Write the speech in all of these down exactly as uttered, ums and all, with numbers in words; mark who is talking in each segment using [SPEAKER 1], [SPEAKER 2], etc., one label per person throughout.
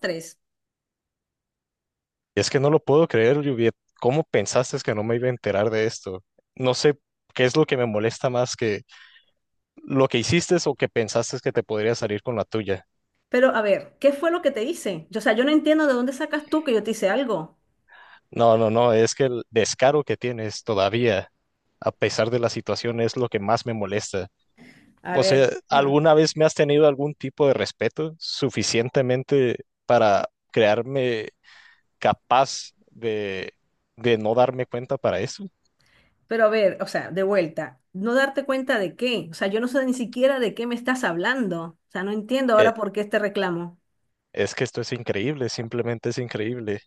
[SPEAKER 1] Tres.
[SPEAKER 2] Es que no lo puedo creer, Juliet. ¿Cómo pensaste que no me iba a enterar de esto? No sé qué es lo que me molesta más que lo que hiciste o que pensaste que te podría salir con la tuya.
[SPEAKER 1] Pero a ver, ¿qué fue lo que te hice? Yo, o sea, yo no entiendo de dónde sacas tú que yo te hice algo.
[SPEAKER 2] No, no, no, es que el descaro que tienes todavía, a pesar de la situación, es lo que más me molesta.
[SPEAKER 1] A
[SPEAKER 2] O
[SPEAKER 1] ver,
[SPEAKER 2] sea,
[SPEAKER 1] no.
[SPEAKER 2] ¿alguna vez me has tenido algún tipo de respeto suficientemente para crearme capaz de, de no darme cuenta para eso?
[SPEAKER 1] Pero a ver, o sea, de vuelta, no darte cuenta de qué. O sea, yo no sé ni siquiera de qué me estás hablando. O sea, no entiendo
[SPEAKER 2] Eh,
[SPEAKER 1] ahora por qué este reclamo.
[SPEAKER 2] es que esto es increíble, simplemente es increíble.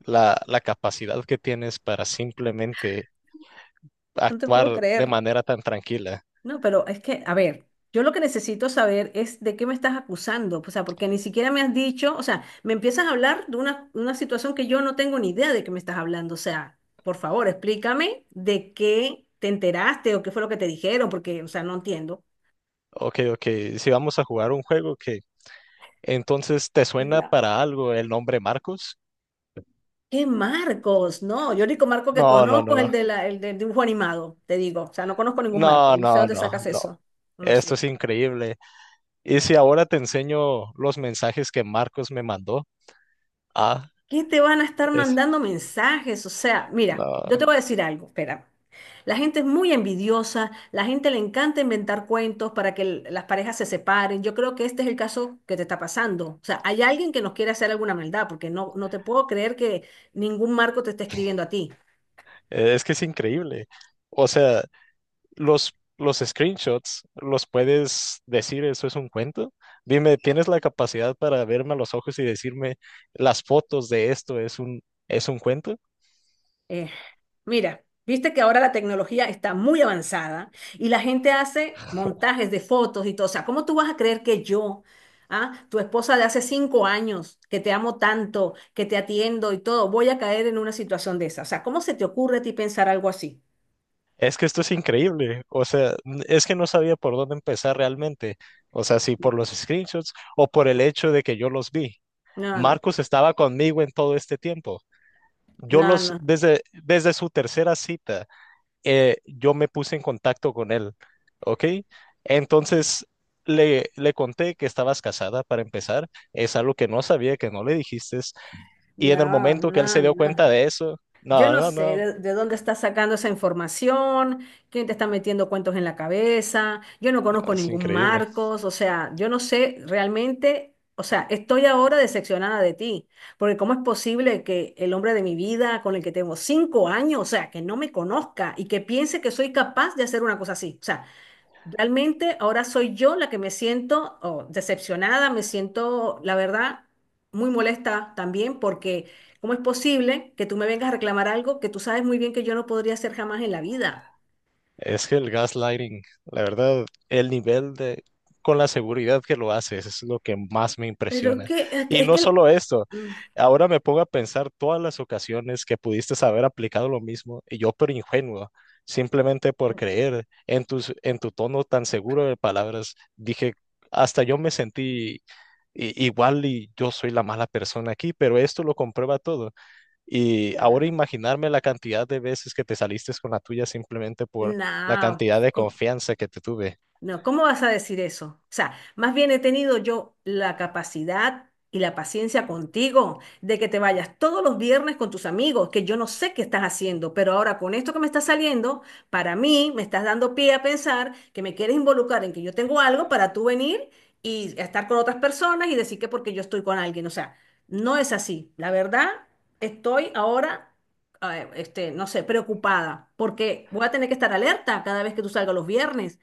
[SPEAKER 2] la, la capacidad que tienes para simplemente
[SPEAKER 1] No te puedo
[SPEAKER 2] actuar de
[SPEAKER 1] creer.
[SPEAKER 2] manera tan tranquila.
[SPEAKER 1] No, pero es que, a ver, yo lo que necesito saber es de qué me estás acusando, o sea, porque ni siquiera me has dicho, o sea, me empiezas a hablar de una, una situación que yo no tengo ni idea de qué me estás hablando, o sea, por favor, explícame de qué te enteraste o qué fue lo que te dijeron, porque, o sea, no entiendo.
[SPEAKER 2] Ok, ok, si vamos a jugar un juego que entonces te suena
[SPEAKER 1] No.
[SPEAKER 2] para algo el nombre Marcos.
[SPEAKER 1] ¿Qué Marcos? No, yo el único Marco que
[SPEAKER 2] No, no,
[SPEAKER 1] conozco
[SPEAKER 2] no,
[SPEAKER 1] es
[SPEAKER 2] no.
[SPEAKER 1] el de la, el del dibujo animado, te digo, o sea, no conozco ningún Marco,
[SPEAKER 2] No,
[SPEAKER 1] no sé
[SPEAKER 2] no,
[SPEAKER 1] dónde
[SPEAKER 2] no,
[SPEAKER 1] sacas
[SPEAKER 2] no.
[SPEAKER 1] eso, no
[SPEAKER 2] Esto
[SPEAKER 1] sé.
[SPEAKER 2] es increíble. Y si ahora te enseño los mensajes que Marcos me mandó, ah,
[SPEAKER 1] ¿Qué te van a estar
[SPEAKER 2] es,
[SPEAKER 1] mandando mensajes? O sea, mira, yo te
[SPEAKER 2] no,
[SPEAKER 1] voy a decir algo, espera. La gente es muy envidiosa, la gente le encanta inventar cuentos para que l- las parejas se separen. Yo creo que este es el caso que te está pasando. O sea, hay alguien que nos quiere hacer alguna maldad, porque no, no te puedo creer que ningún marco te esté escribiendo a ti.
[SPEAKER 2] es que es increíble. O sea, los, los screenshots, los puedes decir, eso es un cuento. Dime, ¿tienes la capacidad para verme a los ojos y decirme las fotos de esto es un, es un cuento?
[SPEAKER 1] Eh, Mira, viste que ahora la tecnología está muy avanzada y la gente hace montajes de fotos y todo. O sea, ¿cómo tú vas a creer que yo, ah, tu esposa de hace cinco años, que te amo tanto, que te atiendo y todo, voy a caer en una situación de esa? O sea, ¿cómo se te ocurre a ti pensar algo así?
[SPEAKER 2] Es que esto es increíble. O sea, n- es que no sabía por dónde empezar realmente. O sea, si
[SPEAKER 1] No,
[SPEAKER 2] por los screenshots o por el hecho de que yo los vi.
[SPEAKER 1] no, no,
[SPEAKER 2] Marcos estaba conmigo en todo este tiempo. Yo los,
[SPEAKER 1] no,
[SPEAKER 2] desde, desde su tercera cita. Eh, yo me puse en contacto con él, ¿ok? Entonces le, le conté que estabas casada para empezar, es algo que no sabía, que no le dijiste, y en el
[SPEAKER 1] no,
[SPEAKER 2] momento que él se
[SPEAKER 1] no,
[SPEAKER 2] dio
[SPEAKER 1] no. No.
[SPEAKER 2] cuenta de eso,
[SPEAKER 1] Yo
[SPEAKER 2] no,
[SPEAKER 1] no
[SPEAKER 2] no,
[SPEAKER 1] sé
[SPEAKER 2] no,
[SPEAKER 1] de, de dónde está sacando esa información, quién te está metiendo cuentos en la cabeza, yo no conozco
[SPEAKER 2] es
[SPEAKER 1] ningún
[SPEAKER 2] increíble.
[SPEAKER 1] Marcos, o sea, yo no sé realmente, o sea, estoy ahora decepcionada de ti, porque ¿cómo es posible que el hombre de mi vida, con el que tengo cinco años, o sea, que no me conozca y que piense que soy capaz de hacer una cosa así? O sea, realmente ahora soy yo la que me siento oh, decepcionada, me siento, la verdad, muy molesta también porque ¿cómo es posible que tú me vengas a reclamar algo que tú sabes muy bien que yo no podría hacer jamás en la vida?
[SPEAKER 2] Es que el gaslighting, la verdad, el nivel de, con la seguridad que lo haces es lo que más me
[SPEAKER 1] Pero es
[SPEAKER 2] impresiona.
[SPEAKER 1] que, es que,
[SPEAKER 2] Y
[SPEAKER 1] es que
[SPEAKER 2] no
[SPEAKER 1] el-
[SPEAKER 2] solo esto,
[SPEAKER 1] Mm,
[SPEAKER 2] ahora me pongo a pensar todas las ocasiones que pudiste haber aplicado lo mismo y yo pero ingenuo, simplemente por creer en tus, en tu tono tan seguro de palabras, dije, hasta yo me sentí i- igual y yo soy la mala persona aquí, pero esto lo comprueba todo. Y
[SPEAKER 1] no, no,
[SPEAKER 2] ahora
[SPEAKER 1] no,
[SPEAKER 2] imaginarme la cantidad de veces que te saliste con la tuya simplemente por la
[SPEAKER 1] no,
[SPEAKER 2] cantidad de
[SPEAKER 1] no.
[SPEAKER 2] confianza que te tuve,
[SPEAKER 1] No, ¿cómo vas a decir eso? O sea, más bien he tenido yo la capacidad y la paciencia contigo de que te vayas todos los viernes con tus amigos, que yo no sé qué estás haciendo, pero ahora con esto que me está saliendo, para mí me estás dando pie a pensar que me quieres involucrar en que yo tengo algo para tú venir y estar con otras personas y decir que porque yo estoy con alguien. O sea, no es así. La verdad, estoy ahora, eh, este, no sé, preocupada porque voy a tener que estar alerta cada vez que tú salgas los viernes,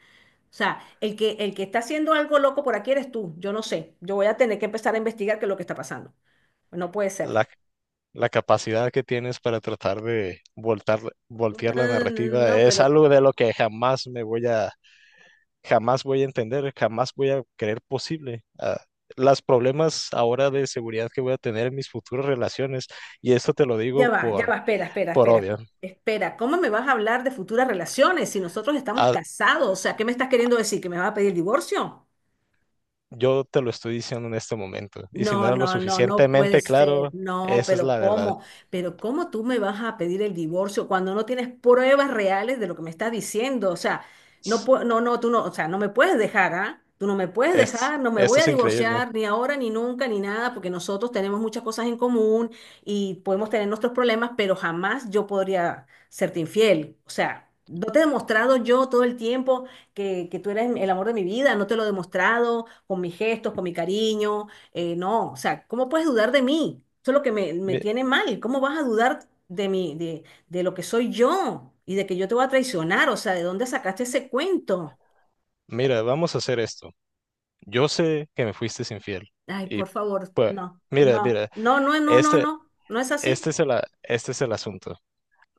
[SPEAKER 1] o sea, el que, el que está haciendo algo loco por aquí eres tú. Yo no sé. Yo voy a tener que empezar a investigar qué es lo que está pasando. No puede ser.
[SPEAKER 2] la, la capacidad que tienes para tratar de voltar,
[SPEAKER 1] No,
[SPEAKER 2] voltear la
[SPEAKER 1] no,
[SPEAKER 2] narrativa,
[SPEAKER 1] no,
[SPEAKER 2] es
[SPEAKER 1] pero
[SPEAKER 2] algo de lo que jamás me voy a, jamás voy a entender, jamás voy a creer posible. Ah, las problemas ahora de seguridad que voy a tener en mis futuras relaciones, y esto te lo
[SPEAKER 1] ya
[SPEAKER 2] digo
[SPEAKER 1] va, ya
[SPEAKER 2] por,
[SPEAKER 1] va, espera, espera,
[SPEAKER 2] por
[SPEAKER 1] espera.
[SPEAKER 2] obvio.
[SPEAKER 1] Espera, ¿cómo me vas a hablar de futuras relaciones si nosotros estamos
[SPEAKER 2] Ha
[SPEAKER 1] casados? O sea, ¿qué me estás queriendo decir? ¿Que me vas a pedir divorcio?
[SPEAKER 2] Yo te lo estoy diciendo en este momento. Y si no
[SPEAKER 1] No,
[SPEAKER 2] era lo
[SPEAKER 1] no, no, no puede
[SPEAKER 2] suficientemente
[SPEAKER 1] ser.
[SPEAKER 2] claro,
[SPEAKER 1] No,
[SPEAKER 2] esa es
[SPEAKER 1] pero
[SPEAKER 2] la verdad.
[SPEAKER 1] ¿cómo? Pero ¿cómo tú me vas a pedir el divorcio cuando no tienes pruebas reales de lo que me estás diciendo? O sea, no, pue- no, no, tú no, o sea, no me puedes dejar, ¿ah? Tú no me puedes
[SPEAKER 2] Es,
[SPEAKER 1] dejar, no me
[SPEAKER 2] esto
[SPEAKER 1] voy a
[SPEAKER 2] es increíble.
[SPEAKER 1] divorciar ni ahora ni nunca ni nada, porque nosotros tenemos muchas cosas en común y podemos tener nuestros problemas, pero jamás yo podría serte infiel. O sea, no te he demostrado yo todo el tiempo que, que tú eres el amor de mi vida, no te lo he demostrado con mis gestos, con mi cariño eh, no, o sea, ¿cómo puedes dudar de mí? Eso es lo que me, me
[SPEAKER 2] Mi-
[SPEAKER 1] tiene mal. ¿Cómo vas a dudar de mí, de, de lo que soy yo y de que yo te voy a traicionar? O sea, ¿de dónde sacaste ese cuento?
[SPEAKER 2] mira, vamos a hacer esto. Yo sé que me fuiste infiel.
[SPEAKER 1] Ay,
[SPEAKER 2] Y
[SPEAKER 1] por favor,
[SPEAKER 2] pues,
[SPEAKER 1] no,
[SPEAKER 2] mira,
[SPEAKER 1] no,
[SPEAKER 2] mira,
[SPEAKER 1] no, no, no, no,
[SPEAKER 2] este,
[SPEAKER 1] no, no es así.
[SPEAKER 2] este es el, a- este es el asunto.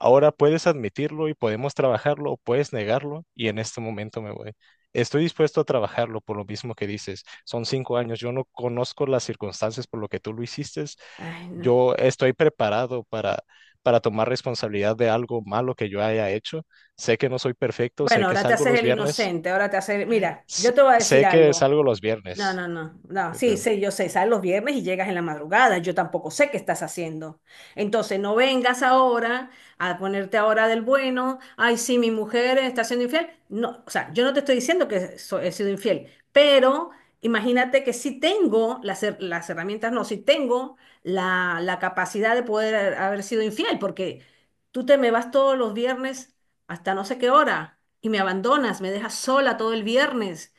[SPEAKER 2] Ahora puedes admitirlo y podemos trabajarlo o puedes negarlo y en este momento me voy. Estoy dispuesto a trabajarlo por lo mismo que dices. Son cinco años. Yo no conozco las circunstancias por lo que tú lo hiciste.
[SPEAKER 1] Ay, no.
[SPEAKER 2] Yo estoy preparado para, para tomar responsabilidad de algo malo que yo haya hecho. Sé que no soy perfecto, sé
[SPEAKER 1] Bueno,
[SPEAKER 2] que
[SPEAKER 1] ahora te
[SPEAKER 2] salgo
[SPEAKER 1] haces
[SPEAKER 2] los
[SPEAKER 1] el
[SPEAKER 2] viernes,
[SPEAKER 1] inocente, ahora te haces, mira, yo
[SPEAKER 2] sé,
[SPEAKER 1] te voy a decir
[SPEAKER 2] sé que
[SPEAKER 1] algo.
[SPEAKER 2] salgo los
[SPEAKER 1] No,
[SPEAKER 2] viernes.
[SPEAKER 1] no, no, no, sí, sí,
[SPEAKER 2] eh,
[SPEAKER 1] yo sé, sales los viernes y llegas en la madrugada, yo tampoco sé qué estás haciendo. Entonces, no vengas ahora a ponerte ahora del bueno, ay, sí, mi mujer está siendo infiel. No, o sea, yo no te estoy diciendo que so- he sido infiel, pero imagínate que si tengo las, her- las herramientas, no, si tengo la, la capacidad de poder haber sido infiel, porque tú te me vas todos los viernes hasta no sé qué hora y me abandonas, me dejas sola todo el viernes.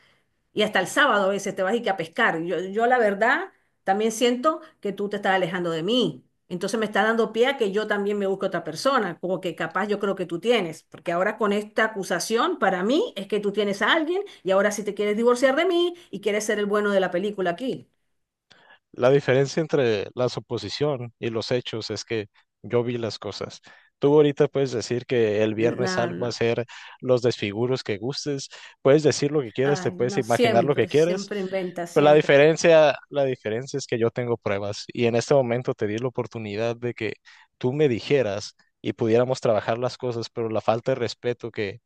[SPEAKER 1] Y hasta el sábado a veces te vas y que a pescar. Yo, yo la verdad también siento que tú te estás alejando de mí. Entonces me está dando pie a que yo también me busque otra persona, como que capaz yo creo que tú tienes, porque ahora con esta acusación para mí es que tú tienes a alguien y ahora sí te quieres divorciar de mí y quieres ser el bueno de la película aquí.
[SPEAKER 2] La diferencia entre la suposición y los hechos es que yo vi las cosas. Tú ahorita puedes decir que el viernes
[SPEAKER 1] No,
[SPEAKER 2] algo va a
[SPEAKER 1] no.
[SPEAKER 2] ser los desfiguros que gustes, puedes decir lo que quieras, te
[SPEAKER 1] Ay,
[SPEAKER 2] puedes
[SPEAKER 1] no,
[SPEAKER 2] imaginar lo que
[SPEAKER 1] siempre,
[SPEAKER 2] quieras,
[SPEAKER 1] siempre inventa,
[SPEAKER 2] pero la
[SPEAKER 1] siempre.
[SPEAKER 2] diferencia, la diferencia es que yo tengo pruebas y en este momento te di la oportunidad de que tú me dijeras y pudiéramos trabajar las cosas, pero la falta de respeto que,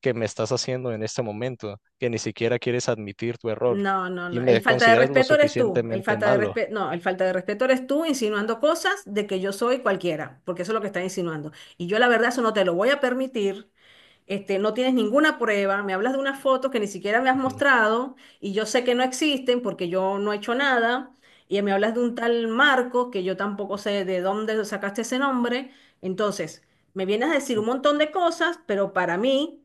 [SPEAKER 2] que me estás haciendo en este momento, que ni siquiera quieres admitir tu error
[SPEAKER 1] No, no,
[SPEAKER 2] y
[SPEAKER 1] no. El
[SPEAKER 2] me
[SPEAKER 1] falta de
[SPEAKER 2] consideras lo
[SPEAKER 1] respeto eres tú. El
[SPEAKER 2] suficientemente
[SPEAKER 1] falta de
[SPEAKER 2] malo.
[SPEAKER 1] respeto, no, el falta de respeto eres tú insinuando cosas de que yo soy cualquiera, porque eso es lo que está insinuando. Y yo la verdad eso no te lo voy a permitir, este, no tienes ninguna prueba, me hablas de unas fotos que ni siquiera me has
[SPEAKER 2] Ujú.
[SPEAKER 1] mostrado y yo sé que no existen porque yo no he hecho nada, y me hablas de un tal Marco que yo tampoco sé de dónde sacaste ese nombre, entonces me vienes a decir un montón de cosas, pero para mí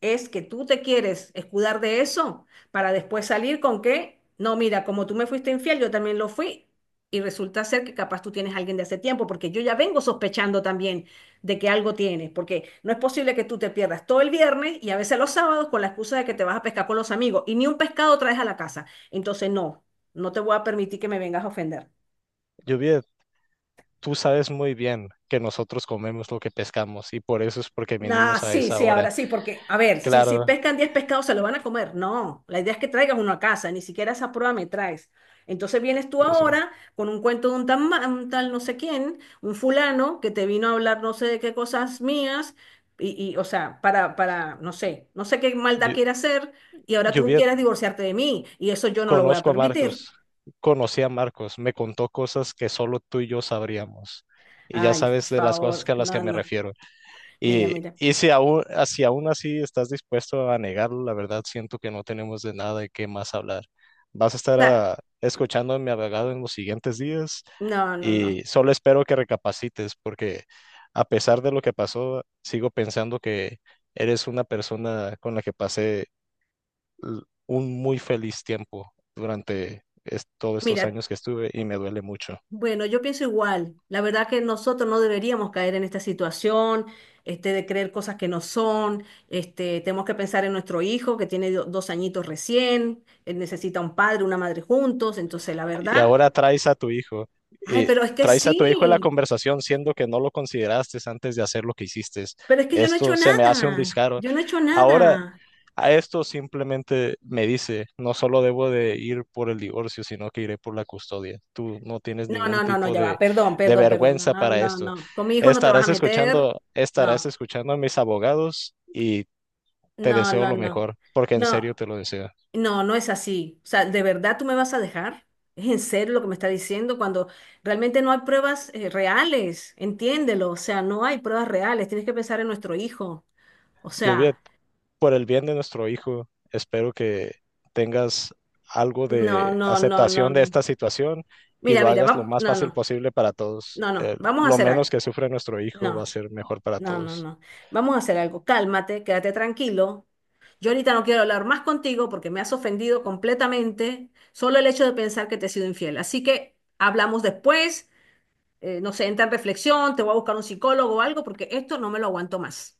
[SPEAKER 1] es que tú te quieres escudar de eso para después salir con que, no, mira, como tú me fuiste infiel, yo también lo fui. Y resulta ser que capaz tú tienes a alguien de hace tiempo, porque yo ya vengo sospechando también de que algo tienes, porque no es posible que tú te pierdas todo el viernes y a veces los sábados con la excusa de que te vas a pescar con los amigos y ni un pescado traes a la casa. Entonces, no, no te voy a permitir que me vengas a ofender.
[SPEAKER 2] Lluvia, tú sabes muy bien que nosotros comemos lo que pescamos y por eso es porque
[SPEAKER 1] Nah,
[SPEAKER 2] vinimos a
[SPEAKER 1] sí,
[SPEAKER 2] esa
[SPEAKER 1] sí, ahora
[SPEAKER 2] hora.
[SPEAKER 1] sí, porque, a ver, si, si
[SPEAKER 2] Claro,
[SPEAKER 1] pescan diez pescados, se lo van a comer. No, la idea es que traigas uno a casa, ni siquiera esa prueba me traes. Entonces vienes tú
[SPEAKER 2] yo sé.
[SPEAKER 1] ahora con un cuento de un, tan ma- un tal no sé quién, un fulano que te vino a hablar no sé de qué cosas mías, y, y, o sea, para, para, no sé, no sé qué maldad
[SPEAKER 2] Llu-
[SPEAKER 1] quiere hacer, y ahora tú
[SPEAKER 2] Lluvia,
[SPEAKER 1] quieres divorciarte de mí, y eso yo no lo voy a
[SPEAKER 2] conozco a
[SPEAKER 1] permitir.
[SPEAKER 2] Marcos, conocí a Marcos, me contó cosas que solo tú y yo sabríamos. Y ya
[SPEAKER 1] Ay, por
[SPEAKER 2] sabes de las cosas
[SPEAKER 1] favor,
[SPEAKER 2] que a las que
[SPEAKER 1] no,
[SPEAKER 2] me
[SPEAKER 1] no,
[SPEAKER 2] refiero.
[SPEAKER 1] mira,
[SPEAKER 2] Y,
[SPEAKER 1] mira. O
[SPEAKER 2] y si aún, a- si aún así estás dispuesto a negarlo, la verdad siento que no tenemos de nada de qué más hablar. ¿Vas a estar
[SPEAKER 1] sea,
[SPEAKER 2] ah, escuchando a mi abogado en los siguientes días?
[SPEAKER 1] no, no, no.
[SPEAKER 2] Y solo espero que recapacites porque a pesar de lo que pasó, sigo pensando que eres una persona con la que pasé l- un muy feliz tiempo durante es- todos estos
[SPEAKER 1] Mira,
[SPEAKER 2] años que estuve y me duele mucho.
[SPEAKER 1] bueno, yo pienso igual. La verdad que nosotros no deberíamos caer en esta situación, este, de creer cosas que no son. Este, tenemos que pensar en nuestro hijo que tiene do- dos añitos recién, él necesita un padre, una madre juntos. Entonces, la
[SPEAKER 2] Y
[SPEAKER 1] verdad,
[SPEAKER 2] ahora traes a tu hijo,
[SPEAKER 1] ay,
[SPEAKER 2] eh,
[SPEAKER 1] pero es que
[SPEAKER 2] traes a tu hijo en la
[SPEAKER 1] sí,
[SPEAKER 2] conversación siendo que no lo consideraste antes de hacer lo que hiciste.
[SPEAKER 1] pero es que yo no he hecho
[SPEAKER 2] Esto se me hace un
[SPEAKER 1] nada,
[SPEAKER 2] descaro.
[SPEAKER 1] yo no he hecho
[SPEAKER 2] Ahora...
[SPEAKER 1] nada.
[SPEAKER 2] A esto simplemente me dice, no solo debo de ir por el divorcio, sino que iré por la custodia. Tú no tienes
[SPEAKER 1] No,
[SPEAKER 2] ningún
[SPEAKER 1] no, no, no,
[SPEAKER 2] tipo
[SPEAKER 1] ya va.
[SPEAKER 2] de,
[SPEAKER 1] Perdón,
[SPEAKER 2] de
[SPEAKER 1] perdón, perdón. No,
[SPEAKER 2] vergüenza
[SPEAKER 1] no,
[SPEAKER 2] para
[SPEAKER 1] no,
[SPEAKER 2] esto.
[SPEAKER 1] no. Con mi hijo no te vas a
[SPEAKER 2] Estarás
[SPEAKER 1] meter.
[SPEAKER 2] escuchando, estarás
[SPEAKER 1] No,
[SPEAKER 2] escuchando a mis abogados y te
[SPEAKER 1] no,
[SPEAKER 2] deseo
[SPEAKER 1] no,
[SPEAKER 2] lo
[SPEAKER 1] no.
[SPEAKER 2] mejor, porque en
[SPEAKER 1] No.
[SPEAKER 2] serio te lo deseo.
[SPEAKER 1] No, no es así. O sea, ¿de verdad tú me vas a dejar? ¿Es en serio lo que me está diciendo cuando realmente no hay pruebas eh, reales? Entiéndelo. O sea, no hay pruebas reales. Tienes que pensar en nuestro hijo. O
[SPEAKER 2] Lluvia,
[SPEAKER 1] sea,
[SPEAKER 2] por el bien de nuestro hijo, espero que tengas algo
[SPEAKER 1] no,
[SPEAKER 2] de
[SPEAKER 1] no, no, no,
[SPEAKER 2] aceptación de
[SPEAKER 1] no.
[SPEAKER 2] esta situación y
[SPEAKER 1] Mira,
[SPEAKER 2] lo
[SPEAKER 1] mira,
[SPEAKER 2] hagas lo
[SPEAKER 1] va-
[SPEAKER 2] más
[SPEAKER 1] no,
[SPEAKER 2] fácil
[SPEAKER 1] no,
[SPEAKER 2] posible para todos.
[SPEAKER 1] no, no.
[SPEAKER 2] Eh,
[SPEAKER 1] Vamos a
[SPEAKER 2] lo
[SPEAKER 1] hacer
[SPEAKER 2] menos
[SPEAKER 1] algo.
[SPEAKER 2] que sufre nuestro hijo va a
[SPEAKER 1] No,
[SPEAKER 2] ser mejor para
[SPEAKER 1] no, no,
[SPEAKER 2] todos.
[SPEAKER 1] no. Vamos a hacer algo. Cálmate, quédate tranquilo. Yo ahorita no quiero hablar más contigo porque me has ofendido completamente solo el hecho de pensar que te he sido infiel. Así que hablamos después. Eh, no sé, entra en reflexión, te voy a buscar un psicólogo o algo, porque esto no me lo aguanto más.